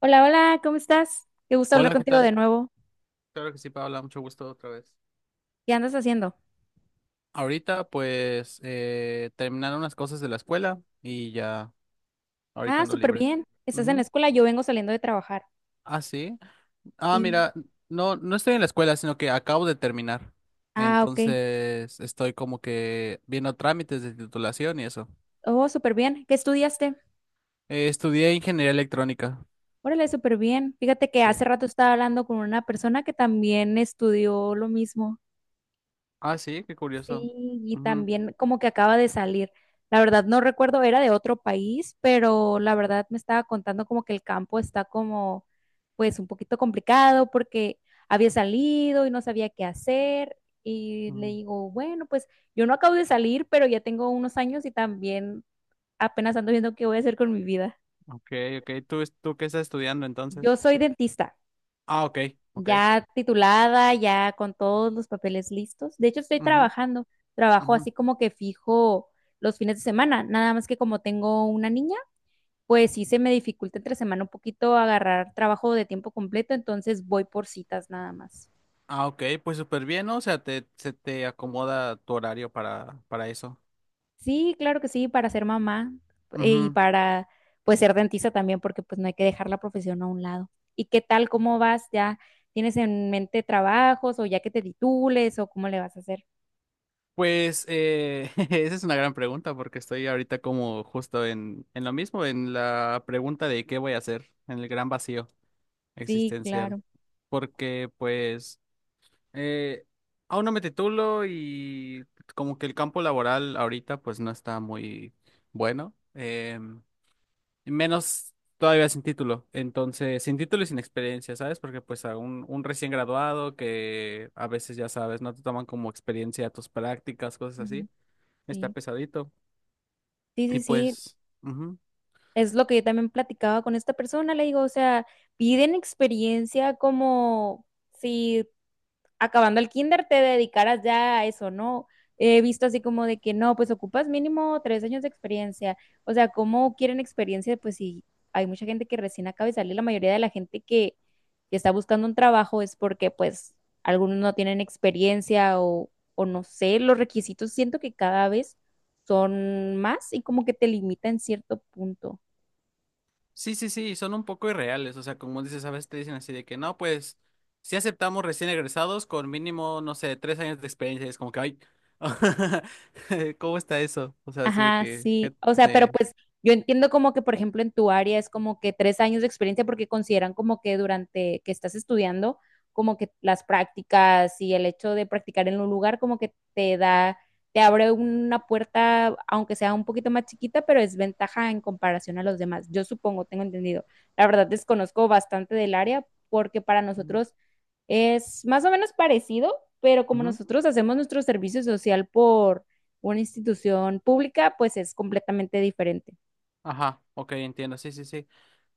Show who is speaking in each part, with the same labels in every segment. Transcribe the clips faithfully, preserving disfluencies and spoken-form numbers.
Speaker 1: Hola, hola, ¿cómo estás? Qué gusto hablar
Speaker 2: Hola, ¿qué
Speaker 1: contigo de
Speaker 2: tal?
Speaker 1: nuevo.
Speaker 2: Claro que sí, Paola, mucho gusto otra vez.
Speaker 1: ¿Qué andas haciendo?
Speaker 2: Ahorita, pues, eh, terminaron unas cosas de la escuela y ya, ahorita
Speaker 1: Ah,
Speaker 2: ando
Speaker 1: súper
Speaker 2: libre.
Speaker 1: bien. ¿Estás en la
Speaker 2: Ujú.
Speaker 1: escuela? Yo vengo saliendo de trabajar.
Speaker 2: Ah, sí. Ah,
Speaker 1: Sí.
Speaker 2: mira, no, no estoy en la escuela, sino que acabo de terminar.
Speaker 1: Ah, ok.
Speaker 2: Entonces, estoy como que viendo trámites de titulación y eso.
Speaker 1: Oh, súper bien. ¿Qué estudiaste?
Speaker 2: Eh, estudié ingeniería electrónica.
Speaker 1: Órale, súper bien. Fíjate que hace
Speaker 2: Sí.
Speaker 1: rato estaba hablando con una persona que también estudió lo mismo.
Speaker 2: Ah, sí, qué curioso.
Speaker 1: Sí, y
Speaker 2: Ujú,
Speaker 1: también como que acaba de salir. La verdad no recuerdo, era de otro país, pero la verdad me estaba contando como que el campo está como pues un poquito complicado porque había salido y no sabía qué hacer. Y le
Speaker 2: ujú.
Speaker 1: digo, bueno, pues yo no acabo de salir, pero ya tengo unos años y también apenas ando viendo qué voy a hacer con mi vida.
Speaker 2: Ok, ok. ¿Tú, es- tú qué estás estudiando
Speaker 1: Yo
Speaker 2: entonces?
Speaker 1: soy dentista,
Speaker 2: Ah, ok, ok.
Speaker 1: ya titulada, ya con todos los papeles listos. De hecho, estoy
Speaker 2: Ujú,
Speaker 1: trabajando, trabajo
Speaker 2: ujú.
Speaker 1: así como que fijo los fines de semana, nada más que como tengo una niña, pues sí se me dificulta entre semana un poquito agarrar trabajo de tiempo completo, entonces voy por citas nada más.
Speaker 2: Ah, ok, pues súper bien, ¿no? O sea, te, se te acomoda tu horario para, para eso.
Speaker 1: Sí, claro que sí, para ser mamá, eh, y
Speaker 2: Ujú.
Speaker 1: para pues ser dentista también, porque pues no hay que dejar la profesión a un lado. ¿Y qué tal? ¿Cómo vas? ¿Ya tienes en mente trabajos o ya que te titules o cómo le vas a hacer?
Speaker 2: Pues eh, esa es una gran pregunta porque estoy ahorita como justo en, en lo mismo, en la pregunta de qué voy a hacer, en el gran vacío
Speaker 1: Sí,
Speaker 2: existencial.
Speaker 1: claro.
Speaker 2: Porque pues eh, aún no me titulo y como que el campo laboral ahorita pues no está muy bueno. em, Menos todavía sin título. Entonces, sin título y sin experiencia, ¿sabes? Porque pues a un, un recién graduado que a veces ya sabes, no te toman como experiencia tus prácticas, cosas así, está
Speaker 1: Sí,
Speaker 2: pesadito.
Speaker 1: sí,
Speaker 2: Y
Speaker 1: sí, sí,
Speaker 2: pues, ujú.
Speaker 1: es lo que yo también platicaba con esta persona, le digo, o sea, piden experiencia como si acabando el kinder te dedicaras ya a eso, ¿no? He visto así como de que no, pues ocupas mínimo tres años de experiencia. O sea, ¿cómo quieren experiencia? Pues si hay mucha gente que recién acaba de salir, la mayoría de la gente que, que está buscando un trabajo es porque pues algunos no tienen experiencia o, o no sé, los requisitos siento que cada vez son más y como que te limitan en cierto punto.
Speaker 2: Sí, sí, sí, son un poco irreales. O sea, como dices, a veces te dicen así de que no, pues, si aceptamos recién egresados con mínimo, no sé, tres años de experiencia. Y es como que, ay, ¿cómo está eso? O sea, así de
Speaker 1: Ajá,
Speaker 2: que, que
Speaker 1: sí. O sea, pero
Speaker 2: se...
Speaker 1: pues yo entiendo como que, por ejemplo, en tu área es como que tres años de experiencia porque consideran como que durante que estás estudiando, como que las prácticas y el hecho de practicar en un lugar como que te da, te abre una puerta, aunque sea un poquito más chiquita, pero es ventaja en comparación a los demás. Yo supongo, tengo entendido. La verdad desconozco bastante del área porque para nosotros es más o menos parecido, pero como
Speaker 2: ujú.
Speaker 1: nosotros hacemos nuestro servicio social por una institución pública, pues es completamente diferente.
Speaker 2: Ajá, ok, entiendo, sí, sí, sí.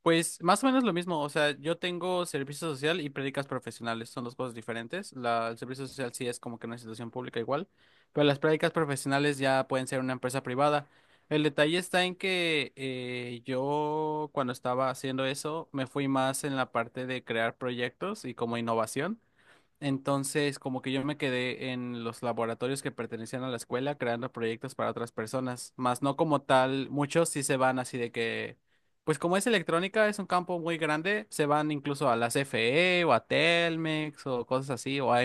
Speaker 2: Pues más o menos lo mismo, o sea, yo tengo servicio social y prácticas profesionales, son dos cosas diferentes. La, el servicio social sí es como que una institución pública igual, pero las prácticas profesionales ya pueden ser una empresa privada. El detalle está en que eh, yo cuando estaba haciendo eso me fui más en la parte de crear proyectos y como innovación. Entonces, como que yo me quedé en los laboratorios que pertenecían a la escuela creando proyectos para otras personas, más no como tal, muchos sí se van así de que, pues como es electrónica, es un campo muy grande, se van incluso a la C F E o a Telmex o cosas así, o a,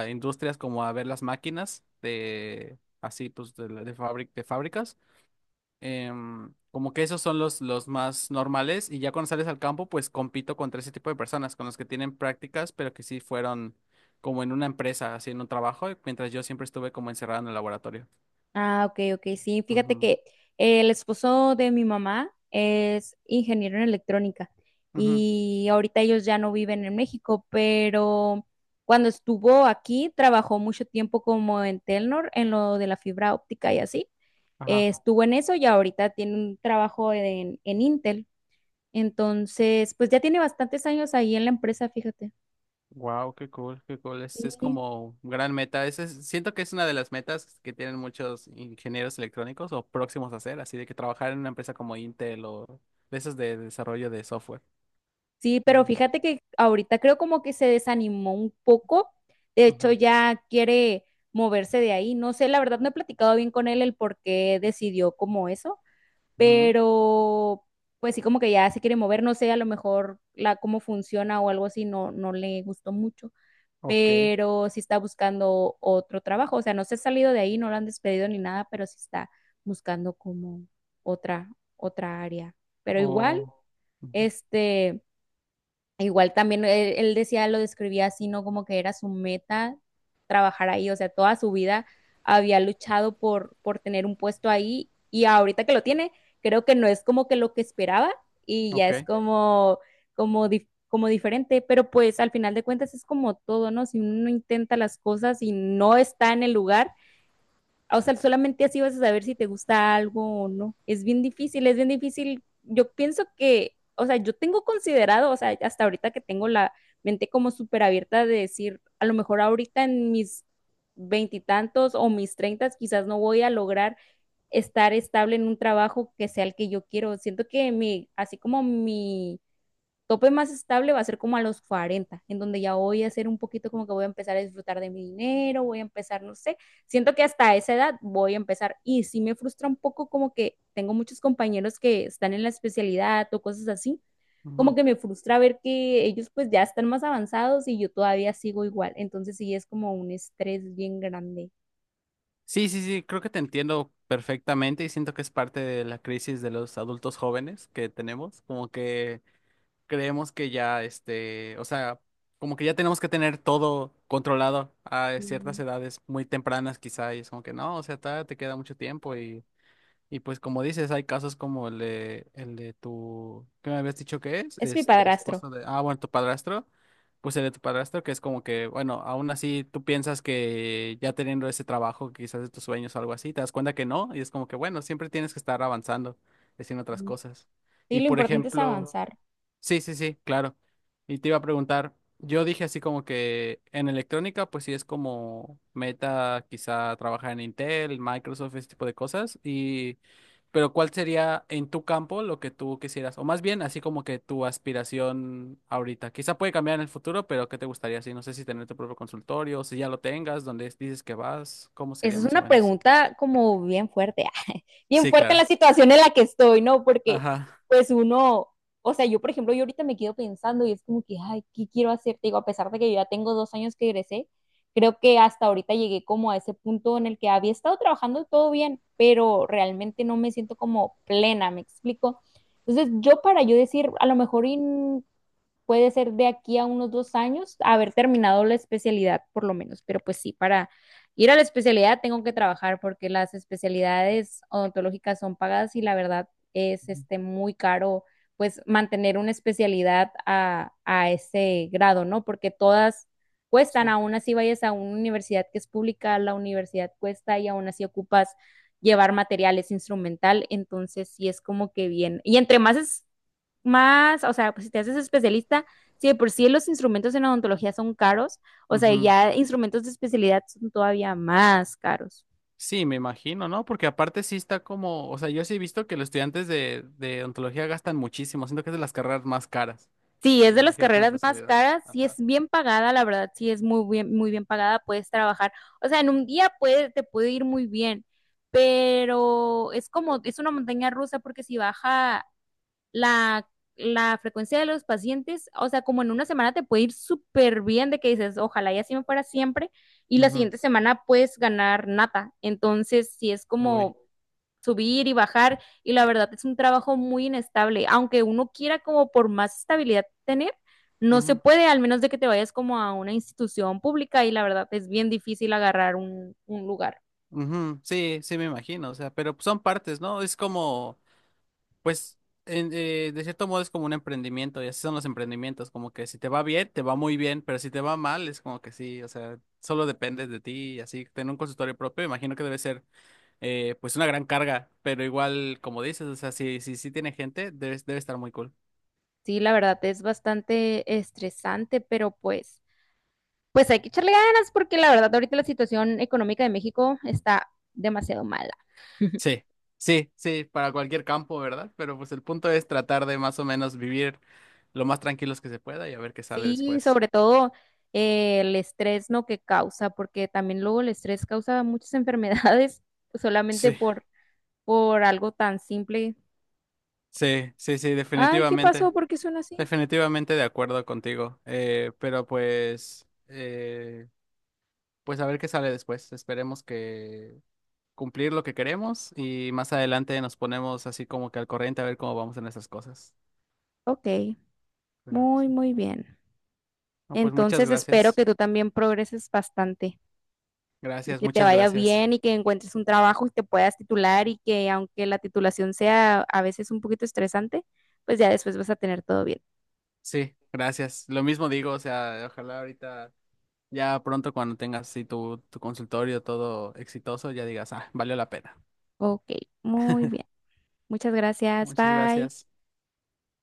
Speaker 2: a industrias como a ver las máquinas de, así pues de, la- de fabri- de fábricas. Em, como que esos son los, los más normales y ya cuando sales al campo, pues compito contra ese tipo de personas, con los que tienen prácticas, pero que sí fueron como en una empresa, haciendo un trabajo, mientras yo siempre estuve como encerrado en el laboratorio.
Speaker 1: Ah, ok, ok, sí. Fíjate
Speaker 2: Ujú,
Speaker 1: que el esposo de mi mamá es ingeniero en electrónica
Speaker 2: ujú,
Speaker 1: y ahorita ellos ya no viven en México, pero cuando estuvo aquí trabajó mucho tiempo como en Telnor, en lo de la fibra óptica y así. Eh,
Speaker 2: ajá.
Speaker 1: estuvo en eso y ahorita tiene un trabajo en, en Intel. Entonces, pues ya tiene bastantes años ahí en la empresa, fíjate.
Speaker 2: Wow, qué cool, qué cool. Es, es
Speaker 1: Sí.
Speaker 2: como gran meta. Ese es- siento que es una de las metas que tienen muchos ingenieros electrónicos o próximos a hacer, así de que trabajar en una empresa como Intel o de esas de desarrollo de software.
Speaker 1: Sí, pero
Speaker 2: Ujú,
Speaker 1: fíjate que ahorita creo como que se desanimó un poco. De hecho,
Speaker 2: ujú,
Speaker 1: ya quiere moverse de ahí. No sé, la verdad no he platicado bien con él el por qué decidió como eso,
Speaker 2: ujú.
Speaker 1: pero pues sí como que ya se quiere mover. No sé, a lo mejor la cómo funciona o algo así no, no le gustó mucho,
Speaker 2: Ok.
Speaker 1: pero sí está buscando otro trabajo. O sea, no se ha salido de ahí, no lo han despedido ni nada, pero sí está buscando como otra, otra área. Pero igual,
Speaker 2: Oh, ujú,
Speaker 1: este, igual también él, él decía, lo describía así, ¿no? Como que era su meta trabajar ahí, o sea, toda su vida había luchado por, por tener un puesto ahí y ahorita que lo tiene, creo que no es como que lo que esperaba y ya es
Speaker 2: ok.
Speaker 1: como, como, dif- como diferente, pero pues al final de cuentas es como todo, ¿no? Si uno intenta las cosas y no está en el lugar, o sea, solamente así vas a saber si te gusta algo o no. Es bien difícil, es bien difícil. Yo pienso que, o sea, yo tengo considerado, o sea, hasta ahorita que tengo la mente como súper abierta de decir, a lo mejor ahorita en mis veintitantos o mis treintas, quizás no voy a lograr estar estable en un trabajo que sea el que yo quiero. Siento que mi, así como mi tope más estable va a ser como a los cuarenta en donde ya voy a ser un poquito como que voy a empezar a disfrutar de mi dinero, voy a empezar, no sé, siento que hasta esa edad voy a empezar y sí me frustra un poco como que tengo muchos compañeros que están en la especialidad o cosas así, como
Speaker 2: Ujú.
Speaker 1: que me frustra ver que ellos pues ya están más avanzados y yo todavía sigo igual, entonces sí es como un estrés bien grande.
Speaker 2: Sí, sí, sí, creo que te entiendo perfectamente y siento que es parte de la crisis de los adultos jóvenes que tenemos, como que creemos que ya, este, o sea, como que ya tenemos que tener todo controlado a ciertas
Speaker 1: Sí.
Speaker 2: edades muy tempranas quizá y es como que no, o sea, todavía te queda mucho tiempo. y Y pues como dices, hay casos como el de, el de tu, ¿qué me habías dicho que es?
Speaker 1: Es mi
Speaker 2: Este,
Speaker 1: padrastro.
Speaker 2: esposo de, ah, bueno, tu padrastro, pues el de tu padrastro, que es como que, bueno, aún así tú piensas que ya teniendo ese trabajo, quizás de tus sueños o algo así, te das cuenta que no, y es como que, bueno, siempre tienes que estar avanzando, haciendo otras cosas.
Speaker 1: Sí,
Speaker 2: Y
Speaker 1: lo
Speaker 2: por
Speaker 1: importante es
Speaker 2: ejemplo,
Speaker 1: avanzar.
Speaker 2: sí, sí, sí, claro. Y te iba a preguntar, yo dije así como que en electrónica, pues sí es como meta quizá trabajar en Intel, Microsoft, ese tipo de cosas. Y, pero ¿cuál sería en tu campo lo que tú quisieras? O más bien, así como que tu aspiración ahorita. Quizá puede cambiar en el futuro, pero ¿qué te gustaría así? No sé si tener tu propio consultorio, si ya lo tengas, donde dices que vas, ¿cómo
Speaker 1: Esa
Speaker 2: sería
Speaker 1: es
Speaker 2: más o
Speaker 1: una
Speaker 2: menos?
Speaker 1: pregunta como bien fuerte, bien
Speaker 2: Sí,
Speaker 1: fuerte en la
Speaker 2: claro.
Speaker 1: situación en la que estoy, ¿no? Porque
Speaker 2: Ajá.
Speaker 1: pues uno, o sea, yo por ejemplo, yo ahorita me quedo pensando y es como que, ay, ¿qué quiero hacer? Te digo, a pesar de que yo ya tengo dos años que egresé, creo que hasta ahorita llegué como a ese punto en el que había estado trabajando todo bien, pero realmente no me siento como plena, ¿me explico? Entonces, yo para yo decir, a lo mejor y puede ser de aquí a unos dos años haber terminado la especialidad, por lo menos. Pero pues sí, para ir a la especialidad tengo que trabajar porque las especialidades odontológicas son pagadas y la verdad es
Speaker 2: Ujú.
Speaker 1: este muy caro pues mantener una especialidad a, a ese grado, ¿no? Porque todas cuestan,
Speaker 2: Sí.
Speaker 1: aún así vayas a una universidad que es pública, la universidad cuesta y aún así ocupas llevar materiales instrumental, entonces sí es como que bien. Y entre más es más, o sea, pues si te haces especialista, sí, de por sí los instrumentos en odontología son caros, o sea,
Speaker 2: Ujú.
Speaker 1: ya instrumentos de especialidad son todavía más caros.
Speaker 2: Sí, me imagino, ¿no? Porque aparte sí está como, o sea, yo sí he visto que los estudiantes de, de odontología gastan muchísimo, siento que es de las carreras más caras.
Speaker 1: Sí, es
Speaker 2: Y
Speaker 1: de las
Speaker 2: imagínate en la
Speaker 1: carreras más
Speaker 2: especialidad.
Speaker 1: caras, sí es
Speaker 2: Ajá.
Speaker 1: bien pagada, la verdad, sí es muy bien, muy bien pagada, puedes trabajar, o sea, en un día puede, te puede ir muy bien, pero es como, es una montaña rusa porque si baja la, la frecuencia de los pacientes, o sea, como en una semana te puede ir súper bien de que dices, ojalá y así me fuera siempre, y la
Speaker 2: Ujú.
Speaker 1: siguiente semana puedes ganar nada. Entonces, si es
Speaker 2: Uy.
Speaker 1: como subir y bajar, y la verdad es un trabajo muy inestable, aunque uno quiera como por más estabilidad tener, no se
Speaker 2: Ujú.
Speaker 1: puede, al menos de que te vayas como a una institución pública y la verdad es bien difícil agarrar un, un lugar.
Speaker 2: Ujú. Sí, sí me imagino, o sea, pero son partes, ¿no? Es como, pues, en- eh, de cierto modo es como un emprendimiento, y así son los emprendimientos, como que si te va bien, te va muy bien, pero si te va mal, es como que sí, o sea, solo depende de ti, y así, tener un consultorio propio, imagino que debe ser. Eh, pues una gran carga, pero igual, como dices, o sea, si, si, si tiene gente, debe, debe estar muy cool.
Speaker 1: Sí, la verdad es bastante estresante, pero pues pues hay que echarle ganas porque la verdad ahorita la situación económica de México está demasiado mala.
Speaker 2: Sí, sí, sí, para cualquier campo, ¿verdad? Pero pues el punto es tratar de más o menos vivir lo más tranquilos que se pueda y a ver qué sale
Speaker 1: Sí,
Speaker 2: después.
Speaker 1: sobre todo eh, el estrés, ¿no? Que causa, porque también luego el estrés causa muchas enfermedades solamente
Speaker 2: Sí,
Speaker 1: por, por algo tan simple.
Speaker 2: sí, sí, sí,
Speaker 1: Ay, ¿qué pasó?
Speaker 2: definitivamente,
Speaker 1: ¿Por qué suena así?
Speaker 2: definitivamente de acuerdo contigo, eh, pero pues, eh, pues a ver qué sale después, esperemos que cumplir lo que queremos y más adelante nos ponemos así como que al corriente a ver cómo vamos en esas cosas.
Speaker 1: Ok,
Speaker 2: Claro que
Speaker 1: muy,
Speaker 2: sí.
Speaker 1: muy bien.
Speaker 2: No, pues muchas
Speaker 1: Entonces espero
Speaker 2: gracias.
Speaker 1: que tú también progreses bastante y
Speaker 2: Gracias,
Speaker 1: que te
Speaker 2: muchas
Speaker 1: vaya
Speaker 2: gracias.
Speaker 1: bien y que encuentres un trabajo y te puedas titular y que aunque la titulación sea a veces un poquito estresante, pues ya después vas a tener todo bien.
Speaker 2: Sí, gracias. Lo mismo digo, o sea, ojalá ahorita, ya pronto cuando tengas sí, tu, tu consultorio todo exitoso, ya digas, ah, valió la pena.
Speaker 1: Ok, muy bien. Muchas gracias.
Speaker 2: Muchas
Speaker 1: Bye.
Speaker 2: gracias.